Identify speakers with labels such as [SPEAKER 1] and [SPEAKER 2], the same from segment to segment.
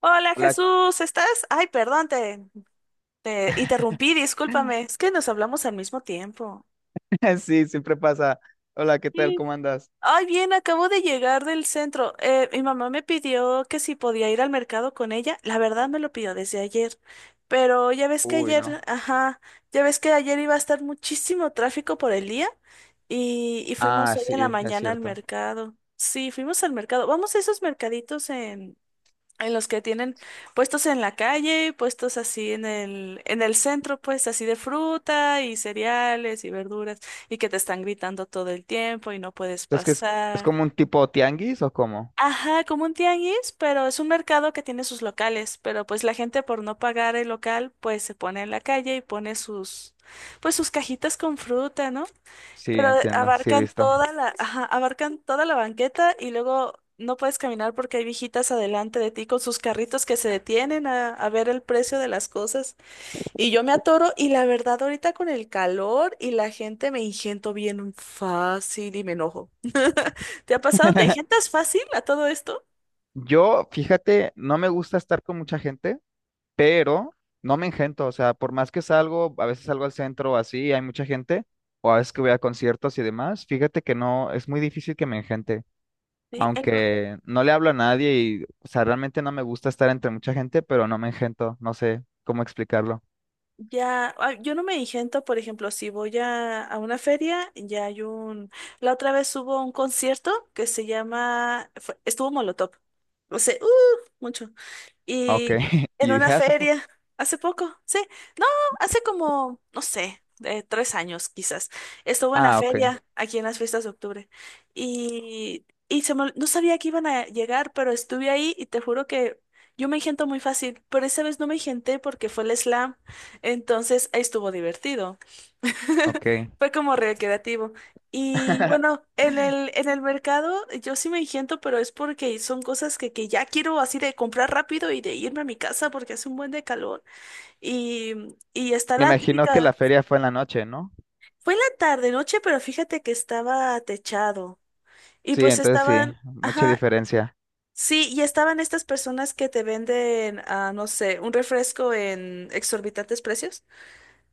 [SPEAKER 1] Hola
[SPEAKER 2] Hola.
[SPEAKER 1] Jesús, ¿estás? Ay, perdón, te interrumpí, discúlpame. Es que nos hablamos al mismo tiempo.
[SPEAKER 2] Sí, siempre pasa. Hola, ¿qué tal?
[SPEAKER 1] Sí.
[SPEAKER 2] ¿Cómo andas?
[SPEAKER 1] Ay, bien, acabo de llegar del centro. Mi mamá me pidió que si podía ir al mercado con ella. La verdad me lo pidió desde ayer. Pero ya ves que
[SPEAKER 2] Uy, no.
[SPEAKER 1] ayer, ajá, ya ves que ayer iba a estar muchísimo tráfico por el día y fuimos
[SPEAKER 2] Ah,
[SPEAKER 1] hoy en la
[SPEAKER 2] sí, es
[SPEAKER 1] mañana al
[SPEAKER 2] cierto.
[SPEAKER 1] mercado. Sí, fuimos al mercado. Vamos a esos mercaditos en los que tienen puestos en la calle, puestos así en el centro, pues así de fruta y cereales y verduras, y que te están gritando todo el tiempo y no puedes
[SPEAKER 2] Es que es, ¿es
[SPEAKER 1] pasar.
[SPEAKER 2] como un tipo tianguis o cómo?
[SPEAKER 1] Ajá, como un tianguis, pero es un mercado que tiene sus locales, pero pues la gente por no pagar el local, pues se pone en la calle y pone sus cajitas con fruta, ¿no?
[SPEAKER 2] Sí,
[SPEAKER 1] Pero
[SPEAKER 2] entiendo, sí, he
[SPEAKER 1] abarcan
[SPEAKER 2] visto.
[SPEAKER 1] toda la, ajá, abarcan toda la banqueta y luego no puedes caminar porque hay viejitas adelante de ti con sus carritos que se detienen a ver el precio de las cosas. Y yo me atoro y la verdad ahorita con el calor y la gente me ingento bien fácil y me enojo. ¿Te ha pasado? ¿Te ingentas fácil a todo esto?
[SPEAKER 2] Yo, fíjate, no me gusta estar con mucha gente, pero no me engento. O sea, por más que salgo, a veces salgo al centro o así, hay mucha gente, o a veces que voy a conciertos y demás, fíjate que no, es muy difícil que me engente.
[SPEAKER 1] Sí.
[SPEAKER 2] Aunque no le hablo a nadie y, o sea, realmente no me gusta estar entre mucha gente, pero no me engento, no sé cómo explicarlo.
[SPEAKER 1] Ya, yo no me ingento, por ejemplo, si voy a una feria, ya hay un... La otra vez hubo un concierto que se llama... estuvo Molotov. O sea, ¡uh! Mucho.
[SPEAKER 2] Ah, ok,
[SPEAKER 1] Y en
[SPEAKER 2] y
[SPEAKER 1] una
[SPEAKER 2] dije: "Ah, hace poco".
[SPEAKER 1] feria, hace poco, sí, no, hace como, no sé, 3 años quizás, estuvo en la
[SPEAKER 2] Ah, ok,
[SPEAKER 1] feria aquí en las fiestas de octubre y no sabía que iban a llegar, pero estuve ahí y te juro que yo me engento muy fácil, pero esa vez no me engenté porque fue el slam, entonces ahí estuvo divertido.
[SPEAKER 2] ok.
[SPEAKER 1] Fue como recreativo. Y bueno, en el mercado yo sí me engento, pero es porque son cosas que ya quiero así de comprar rápido y de irme a mi casa porque hace un buen de calor. Y, y está
[SPEAKER 2] Me
[SPEAKER 1] la
[SPEAKER 2] imagino que
[SPEAKER 1] típica,
[SPEAKER 2] la feria fue en la noche, ¿no?
[SPEAKER 1] fue en la tarde, noche, pero fíjate que estaba techado. Y
[SPEAKER 2] Sí,
[SPEAKER 1] pues
[SPEAKER 2] entonces sí,
[SPEAKER 1] estaban,
[SPEAKER 2] mucha
[SPEAKER 1] ajá,
[SPEAKER 2] diferencia.
[SPEAKER 1] sí, y estaban estas personas que te venden, no sé, un refresco en exorbitantes precios.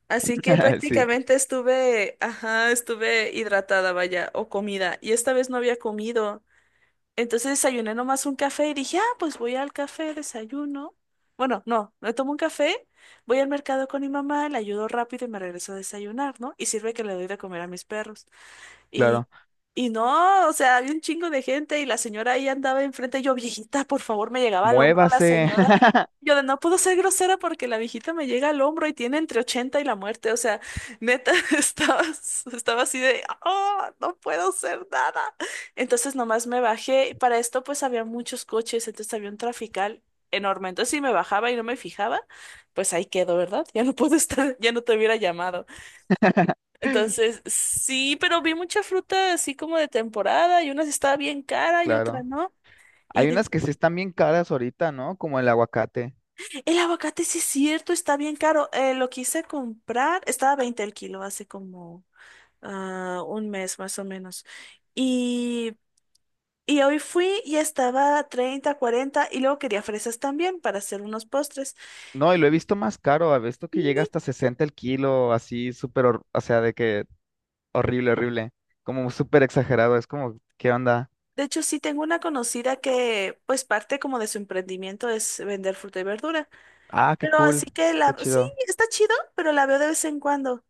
[SPEAKER 1] Así que
[SPEAKER 2] Sí,
[SPEAKER 1] prácticamente estuve, ajá, estuve hidratada, vaya, o comida. Y esta vez no había comido. Entonces desayuné nomás un café y dije, pues voy al café, desayuno. Bueno, no, me tomo un café, voy al mercado con mi mamá, le ayudo rápido y me regreso a desayunar, ¿no? Y sirve que le doy de comer a mis perros. Y,
[SPEAKER 2] claro.
[SPEAKER 1] y no, o sea, había un chingo de gente y la señora ahí andaba enfrente. Y yo, viejita, por favor, me llegaba al hombro la
[SPEAKER 2] Muévase.
[SPEAKER 1] señora. Yo de no puedo ser grosera porque la viejita me llega al hombro y tiene entre 80 y la muerte. O sea, neta, estaba, estaba así de, oh, no puedo hacer nada. Entonces nomás me bajé. Para esto pues había muchos coches, entonces había un trafical enorme. Entonces si me bajaba y no me fijaba, pues ahí quedo, ¿verdad? Ya no puedo estar, ya no te hubiera llamado. Entonces, sí, pero vi mucha fruta así como de temporada y una sí estaba bien cara y otra
[SPEAKER 2] Claro.
[SPEAKER 1] no. Y
[SPEAKER 2] Hay unas que
[SPEAKER 1] dije,
[SPEAKER 2] sí están bien caras ahorita, ¿no? Como el aguacate.
[SPEAKER 1] el aguacate sí es cierto, está bien caro. Lo quise comprar, estaba 20 el kilo hace como un mes más o menos. Y, y hoy fui y estaba a 30, 40 y luego quería fresas también para hacer unos postres.
[SPEAKER 2] No, y lo he visto más caro, he visto que llega
[SPEAKER 1] Y
[SPEAKER 2] hasta 60 el kilo, así súper, o sea, de que horrible, horrible. Como súper exagerado. Es como, ¿qué onda?
[SPEAKER 1] de hecho sí tengo una conocida que pues parte como de su emprendimiento es vender fruta y verdura.
[SPEAKER 2] Ah, qué
[SPEAKER 1] Pero así
[SPEAKER 2] cool.
[SPEAKER 1] que
[SPEAKER 2] Qué
[SPEAKER 1] sí,
[SPEAKER 2] chido.
[SPEAKER 1] está chido, pero la veo de vez en cuando.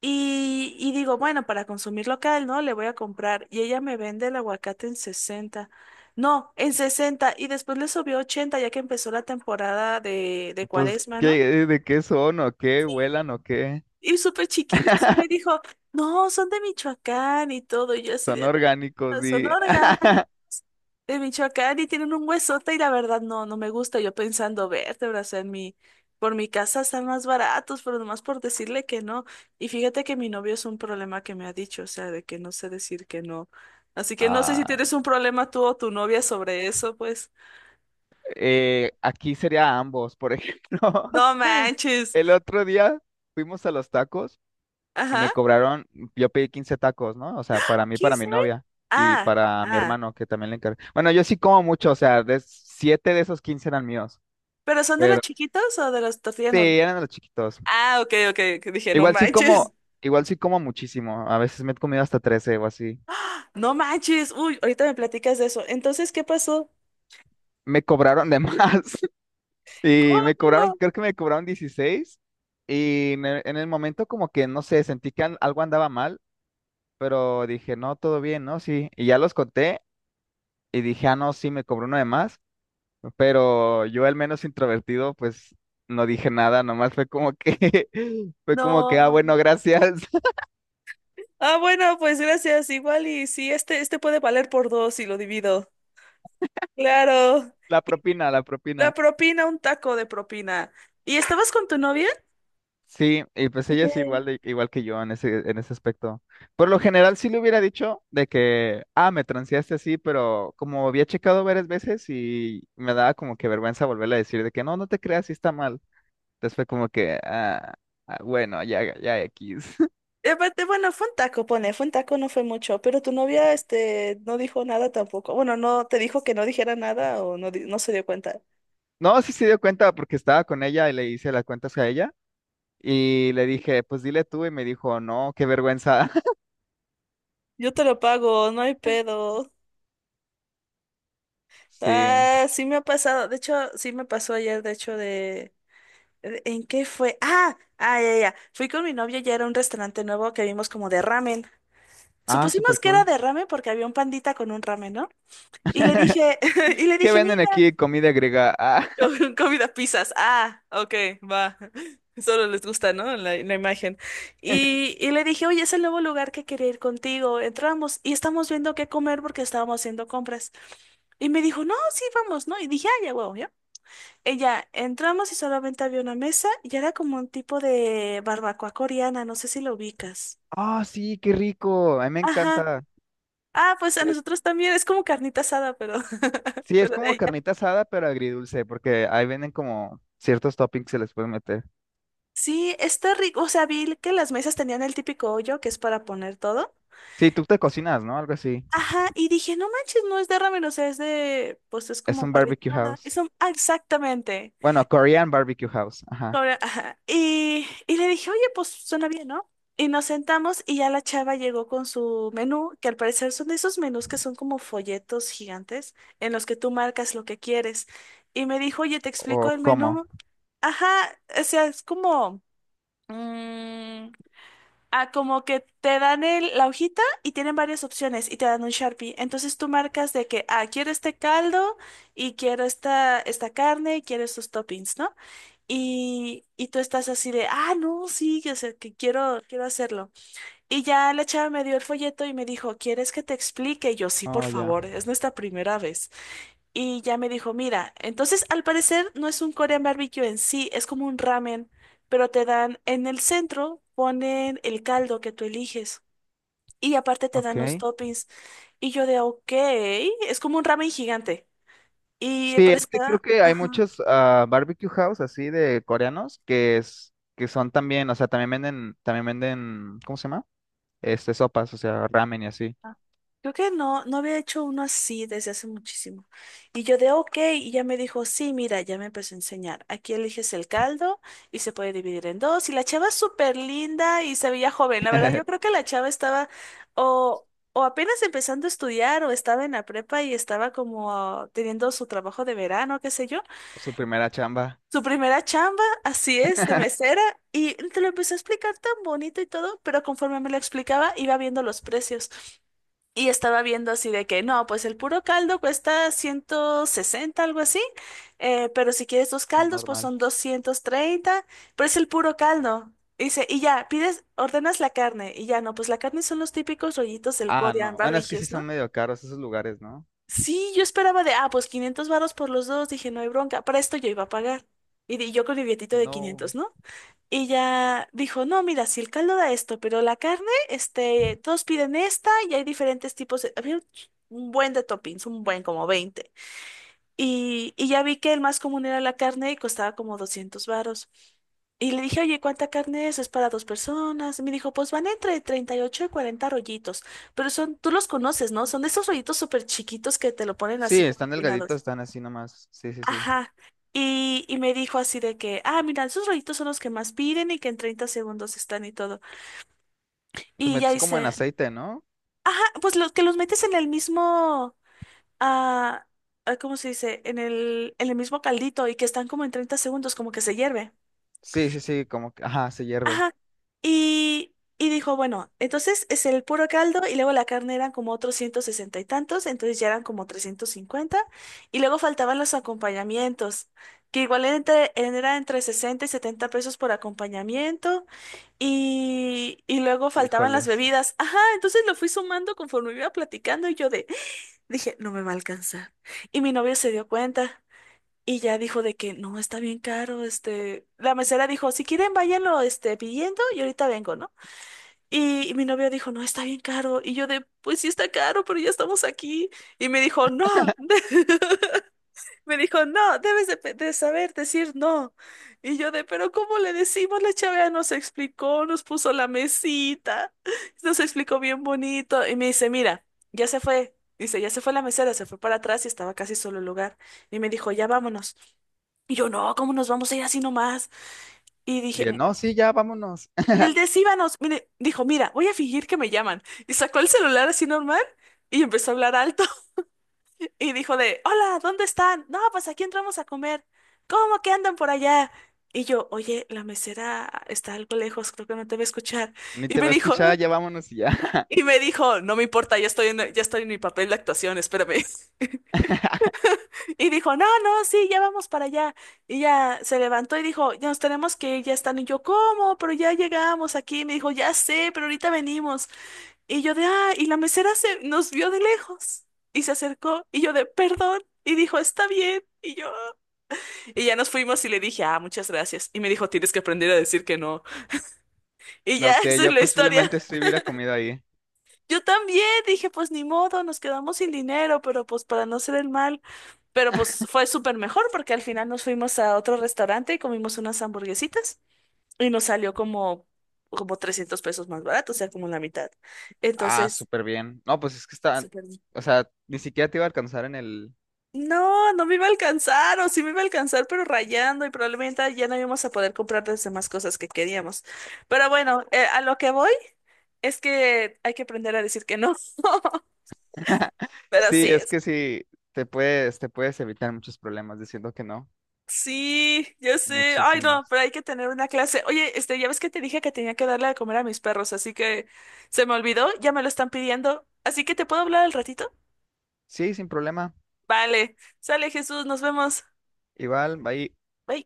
[SPEAKER 1] Y digo, bueno, para consumir local, ¿no? Le voy a comprar. Y ella me vende el aguacate en 60. No, en 60. Y después le subió 80 ya que empezó la temporada de
[SPEAKER 2] Pues,
[SPEAKER 1] cuaresma, ¿no?
[SPEAKER 2] ¿qué, de qué son o qué? ¿Vuelan o qué?
[SPEAKER 1] Y súper chiquitos. Y me dijo, no, son de Michoacán y todo. Y yo así
[SPEAKER 2] Son
[SPEAKER 1] de,
[SPEAKER 2] orgánicos
[SPEAKER 1] "Ah, son
[SPEAKER 2] y
[SPEAKER 1] orgánicos, de Michoacán y tienen un huesote y la verdad no, no me gusta. Yo pensando, verte, brazo en mi, por mi casa están más baratos, pero nomás por decirle que no." Y fíjate que mi novio es un problema que me ha dicho, o sea, de que no sé decir que no. Así que no sé si
[SPEAKER 2] ah,
[SPEAKER 1] tienes un problema tú o tu novia sobre eso, pues.
[SPEAKER 2] aquí sería ambos, por ejemplo.
[SPEAKER 1] No manches.
[SPEAKER 2] El otro día fuimos a los tacos y
[SPEAKER 1] Ajá.
[SPEAKER 2] me cobraron, yo pedí 15 tacos, ¿no? O sea, para mí, para
[SPEAKER 1] ¿Quince?
[SPEAKER 2] mi novia y
[SPEAKER 1] Ah,
[SPEAKER 2] para mi
[SPEAKER 1] ah.
[SPEAKER 2] hermano que también le encargué. Bueno, yo sí como mucho, o sea, de 7 de esos 15 eran míos,
[SPEAKER 1] ¿Pero son de los
[SPEAKER 2] pero
[SPEAKER 1] chiquitos o de los tortillas
[SPEAKER 2] sí,
[SPEAKER 1] normales?
[SPEAKER 2] eran de los chiquitos.
[SPEAKER 1] Ah, ok, ok, que dije, no
[SPEAKER 2] Igual sí
[SPEAKER 1] manches.
[SPEAKER 2] como, igual sí como muchísimo. A veces me he comido hasta 13 o así.
[SPEAKER 1] ¡Ah! No manches. Uy, ahorita me platicas de eso. Entonces, ¿qué pasó?
[SPEAKER 2] Me cobraron de más. Y me cobraron,
[SPEAKER 1] ¿Cómo?
[SPEAKER 2] creo que me cobraron 16 y en el momento como que, no sé, sentí que algo andaba mal, pero dije, no, todo bien, ¿no? Sí. Y ya los conté y dije, ah, no, sí, me cobró uno de más, pero yo al menos introvertido, pues no dije nada, nomás fue como que, fue como que,
[SPEAKER 1] No.
[SPEAKER 2] ah, bueno, gracias.
[SPEAKER 1] Ah, bueno, pues gracias. Igual y si este puede valer por dos y lo divido. Claro.
[SPEAKER 2] La propina, la propina.
[SPEAKER 1] La propina, un taco de propina. ¿Y estabas con tu novia?
[SPEAKER 2] Sí, y pues
[SPEAKER 1] ¿Y
[SPEAKER 2] ella
[SPEAKER 1] qué?
[SPEAKER 2] es igual de, igual que yo en ese aspecto. Por lo general sí le hubiera dicho de que, ah, me transeaste así, pero como había checado varias veces y me daba como que vergüenza volverle a decir de que no, no te creas, sí está mal. Entonces fue como que, ah, ah, bueno, ya, ya X.
[SPEAKER 1] Y aparte, bueno, fue un taco, no fue mucho, pero tu novia, este, no dijo nada tampoco. Bueno, no, te dijo que no dijera nada o no, no se dio cuenta.
[SPEAKER 2] No, sí se dio cuenta porque estaba con ella y le hice las cuentas a ella y le dije, pues dile tú, y me dijo, no, qué vergüenza.
[SPEAKER 1] Yo te lo pago, no hay pedo.
[SPEAKER 2] Sí,
[SPEAKER 1] Ah, sí me ha pasado. De hecho, sí me pasó ayer, de hecho, ¿En qué fue? Ah, ah, ya, ya. Fui con mi novio ya era un restaurante nuevo que vimos como de ramen.
[SPEAKER 2] ah, súper
[SPEAKER 1] Supusimos que era
[SPEAKER 2] cool.
[SPEAKER 1] de ramen porque había un pandita con un ramen, ¿no? Y le dije, y le
[SPEAKER 2] ¿Qué
[SPEAKER 1] dije,
[SPEAKER 2] venden
[SPEAKER 1] mira,
[SPEAKER 2] aquí? Comida griega.
[SPEAKER 1] comida pizzas. Ah, ok, va. Solo les gusta, ¿no? La imagen.
[SPEAKER 2] Ah.
[SPEAKER 1] Y le dije, oye, es el nuevo lugar que quería ir contigo. Entramos y estamos viendo qué comer porque estábamos haciendo compras. Y me dijo, no, sí, vamos, ¿no? Y dije, ya, huevo, ella, entramos y solamente había una mesa y era como un tipo de barbacoa coreana, no sé si lo ubicas.
[SPEAKER 2] Ah, sí, qué rico. A mí me
[SPEAKER 1] Ajá.
[SPEAKER 2] encanta.
[SPEAKER 1] Ah, pues a
[SPEAKER 2] Eh,
[SPEAKER 1] nosotros también, es como carnita asada, pero,
[SPEAKER 2] sí, es
[SPEAKER 1] pero de
[SPEAKER 2] como
[SPEAKER 1] ella.
[SPEAKER 2] carnita asada, pero agridulce, porque ahí venden como ciertos toppings que se les pueden meter.
[SPEAKER 1] Sí, está rico, o sea, vi que las mesas tenían el típico hoyo que es para poner todo.
[SPEAKER 2] Sí, tú te cocinas, ¿no? Algo así.
[SPEAKER 1] Ajá, y dije, no manches, no es de ramen, o sea, es de, pues es
[SPEAKER 2] Es
[SPEAKER 1] como
[SPEAKER 2] un barbecue
[SPEAKER 1] parrillada.
[SPEAKER 2] house.
[SPEAKER 1] Eso, exactamente.
[SPEAKER 2] Bueno, Korean barbecue house. Ajá.
[SPEAKER 1] Cobra, ajá. Y le dije, oye, pues suena bien, ¿no? Y nos sentamos y ya la chava llegó con su menú, que al parecer son de esos menús que son como folletos gigantes en los que tú marcas lo que quieres. Y me dijo, oye, te
[SPEAKER 2] O
[SPEAKER 1] explico el
[SPEAKER 2] cómo.
[SPEAKER 1] menú. Ajá, o sea, es mm, como que te dan la hojita y tienen varias opciones y te dan un Sharpie. Entonces tú marcas de que, quiero este caldo y quiero esta carne y quiero estos toppings, ¿no? Y tú estás así de, no, sí, o sea, que quiero hacerlo. Y ya la chava me dio el folleto y me dijo, ¿quieres que te explique? Y yo, sí, por
[SPEAKER 2] Oh, ya.
[SPEAKER 1] favor, es nuestra primera vez. Y ya me dijo, mira, entonces al parecer no es un Korean barbecue en sí, es como un ramen, pero te dan en el centro, ponen el caldo que tú eliges y aparte te dan los
[SPEAKER 2] Ok.
[SPEAKER 1] toppings. Y yo de, ok, es como un ramen gigante. Y
[SPEAKER 2] Sí,
[SPEAKER 1] pero
[SPEAKER 2] es que creo
[SPEAKER 1] está...
[SPEAKER 2] que hay
[SPEAKER 1] ajá.
[SPEAKER 2] muchos ah, barbecue house así de coreanos que es que son también, o sea, también venden, ¿cómo se llama? Este, sopas, o sea, ramen y así.
[SPEAKER 1] Ah, creo que no, no había hecho uno así desde hace muchísimo. Y yo de ok, y ya me dijo, sí, mira, ya me empezó a enseñar. Aquí eliges el caldo y se puede dividir en dos. Y la chava es súper linda y se veía joven. La verdad, yo creo que la chava estaba o, o apenas empezando a estudiar o estaba en la prepa y estaba como teniendo su trabajo de verano, qué sé yo.
[SPEAKER 2] Su primera chamba
[SPEAKER 1] Su primera chamba, así es, de mesera. Y te lo empezó a explicar tan bonito y todo, pero conforme me lo explicaba, iba viendo los precios. Y estaba viendo así de que, no, pues el puro caldo cuesta 160 algo así, pero si quieres dos caldos, pues
[SPEAKER 2] normal.
[SPEAKER 1] son 230, pero es el puro caldo. Dice, y ya, pides, ordenas la carne, y ya, no, pues la carne son los típicos rollitos del
[SPEAKER 2] Ah,
[SPEAKER 1] Korean
[SPEAKER 2] no. Bueno, es que sí
[SPEAKER 1] barbecues,
[SPEAKER 2] son
[SPEAKER 1] ¿no?
[SPEAKER 2] medio caros esos lugares, ¿no?
[SPEAKER 1] Sí, yo esperaba de, pues 500 varos por los dos, dije, no hay bronca, para esto yo iba a pagar. Y yo con mi billetito de
[SPEAKER 2] No.
[SPEAKER 1] 500, ¿no? Y ya dijo, no, mira, si el caldo da esto, pero la carne, este, todos piden esta y hay diferentes tipos de... Había un un buen de toppings, un buen como 20. Y ya vi que el más común era la carne y costaba como 200 varos. Y le dije, oye, ¿cuánta carne es? Es para dos personas. Y me dijo, pues van entre 38 y 40 rollitos. Pero son, tú los conoces, ¿no? Son de esos rollitos súper chiquitos que te lo ponen
[SPEAKER 2] Sí,
[SPEAKER 1] así como
[SPEAKER 2] están delgaditos,
[SPEAKER 1] empinados.
[SPEAKER 2] están así nomás. Sí, sí, sí.
[SPEAKER 1] Ajá. Y me dijo así de que, mira, esos rollitos son los que más piden y que en 30 segundos están y todo.
[SPEAKER 2] Los
[SPEAKER 1] Y ya
[SPEAKER 2] metes como en
[SPEAKER 1] hice,
[SPEAKER 2] aceite, ¿no?
[SPEAKER 1] ajá, pues los que los metes en el mismo, ah, ¿cómo se dice? En el mismo caldito y que están como en 30 segundos, como que se hierve.
[SPEAKER 2] Sí, sí, sí, como que, ajá, se hierve.
[SPEAKER 1] Ajá. Y dijo, bueno, entonces es el puro caldo y luego la carne eran como otros 160 y tantos, entonces ya eran como 350 y luego faltaban los acompañamientos, que igual era era entre 60 y 70 pesos por acompañamiento y luego faltaban las
[SPEAKER 2] Híjoles.
[SPEAKER 1] bebidas. Ajá, entonces lo fui sumando conforme iba platicando y yo de, dije, no me va a alcanzar. Y mi novio se dio cuenta. Y ya dijo de que no, está bien caro, la mesera dijo, si quieren váyanlo, pidiendo y ahorita vengo, ¿no? Y mi novio dijo, no, está bien caro. Y yo de, pues sí está caro, pero ya estamos aquí. Y me dijo, no. Me dijo, no, debes de saber decir no. Y yo de, pero ¿cómo le decimos? La chava nos explicó, nos puso la mesita, nos explicó bien bonito. Y me dice, mira, ya se fue. Dice, ya se fue la mesera, se fue para atrás y estaba casi solo el lugar. Y me dijo, ya vámonos. Y yo, no, ¿cómo nos vamos a ir así nomás? Y dije,
[SPEAKER 2] Bien,
[SPEAKER 1] "Mm".
[SPEAKER 2] no, sí, ya, vámonos.
[SPEAKER 1] Y él de, "Sí, vámonos". Mire, dijo, mira, voy a fingir que me llaman. Y sacó el celular así normal y empezó a hablar alto. Y dijo de, hola, ¿dónde están? No, pues aquí entramos a comer. ¿Cómo que andan por allá? Y yo, oye, la mesera está algo lejos, creo que no te va a escuchar.
[SPEAKER 2] Ni
[SPEAKER 1] Y
[SPEAKER 2] te
[SPEAKER 1] me
[SPEAKER 2] va a
[SPEAKER 1] dijo,
[SPEAKER 2] escuchar, ya vámonos y ya.
[SPEAKER 1] y me dijo, no me importa, ya estoy en mi papel de actuación, espérame. Y dijo, no, no, sí, ya vamos para allá. Y ya se levantó y dijo, ya nos tenemos que ir, ya están. Y yo, ¿cómo? Pero ya llegamos aquí. Me dijo, ya sé, pero ahorita venimos. Y yo de, ah, y la mesera se nos vio de lejos y se acercó y yo de, perdón, y dijo, está bien, y yo, y ya nos fuimos y le dije, ah, muchas gracias, y me dijo, tienes que aprender a decir que no, y
[SPEAKER 2] No
[SPEAKER 1] ya
[SPEAKER 2] sé,
[SPEAKER 1] esa es
[SPEAKER 2] yo
[SPEAKER 1] la historia.
[SPEAKER 2] posiblemente sí hubiera comido ahí.
[SPEAKER 1] Yo también dije, pues ni modo, nos quedamos sin dinero, pero pues para no ser el mal, pero pues fue súper mejor porque al final nos fuimos a otro restaurante y comimos unas hamburguesitas y nos salió como, como 300 pesos más barato, o sea, como la mitad.
[SPEAKER 2] Ah,
[SPEAKER 1] Entonces...
[SPEAKER 2] súper bien. No, pues es que está,
[SPEAKER 1] súper
[SPEAKER 2] o sea, ni siquiera te iba a alcanzar en el...
[SPEAKER 1] No, no me iba a alcanzar, o sí me iba a alcanzar, pero rayando, y probablemente ya no íbamos a poder comprar las demás cosas que queríamos. Pero bueno, a lo que voy es que hay que aprender a decir que no. Pero
[SPEAKER 2] Sí,
[SPEAKER 1] así
[SPEAKER 2] es
[SPEAKER 1] es.
[SPEAKER 2] que sí, te puedes evitar muchos problemas diciendo que no.
[SPEAKER 1] Sí, yo sé. Ay, no,
[SPEAKER 2] Muchísimos.
[SPEAKER 1] pero hay que tener una clase. Oye, este, ya ves que te dije que tenía que darle de comer a mis perros, así que se me olvidó, ya me lo están pidiendo. Así que te puedo hablar al ratito.
[SPEAKER 2] Sí, sin problema.
[SPEAKER 1] Vale, sale Jesús, nos vemos.
[SPEAKER 2] Igual, ahí
[SPEAKER 1] Bye.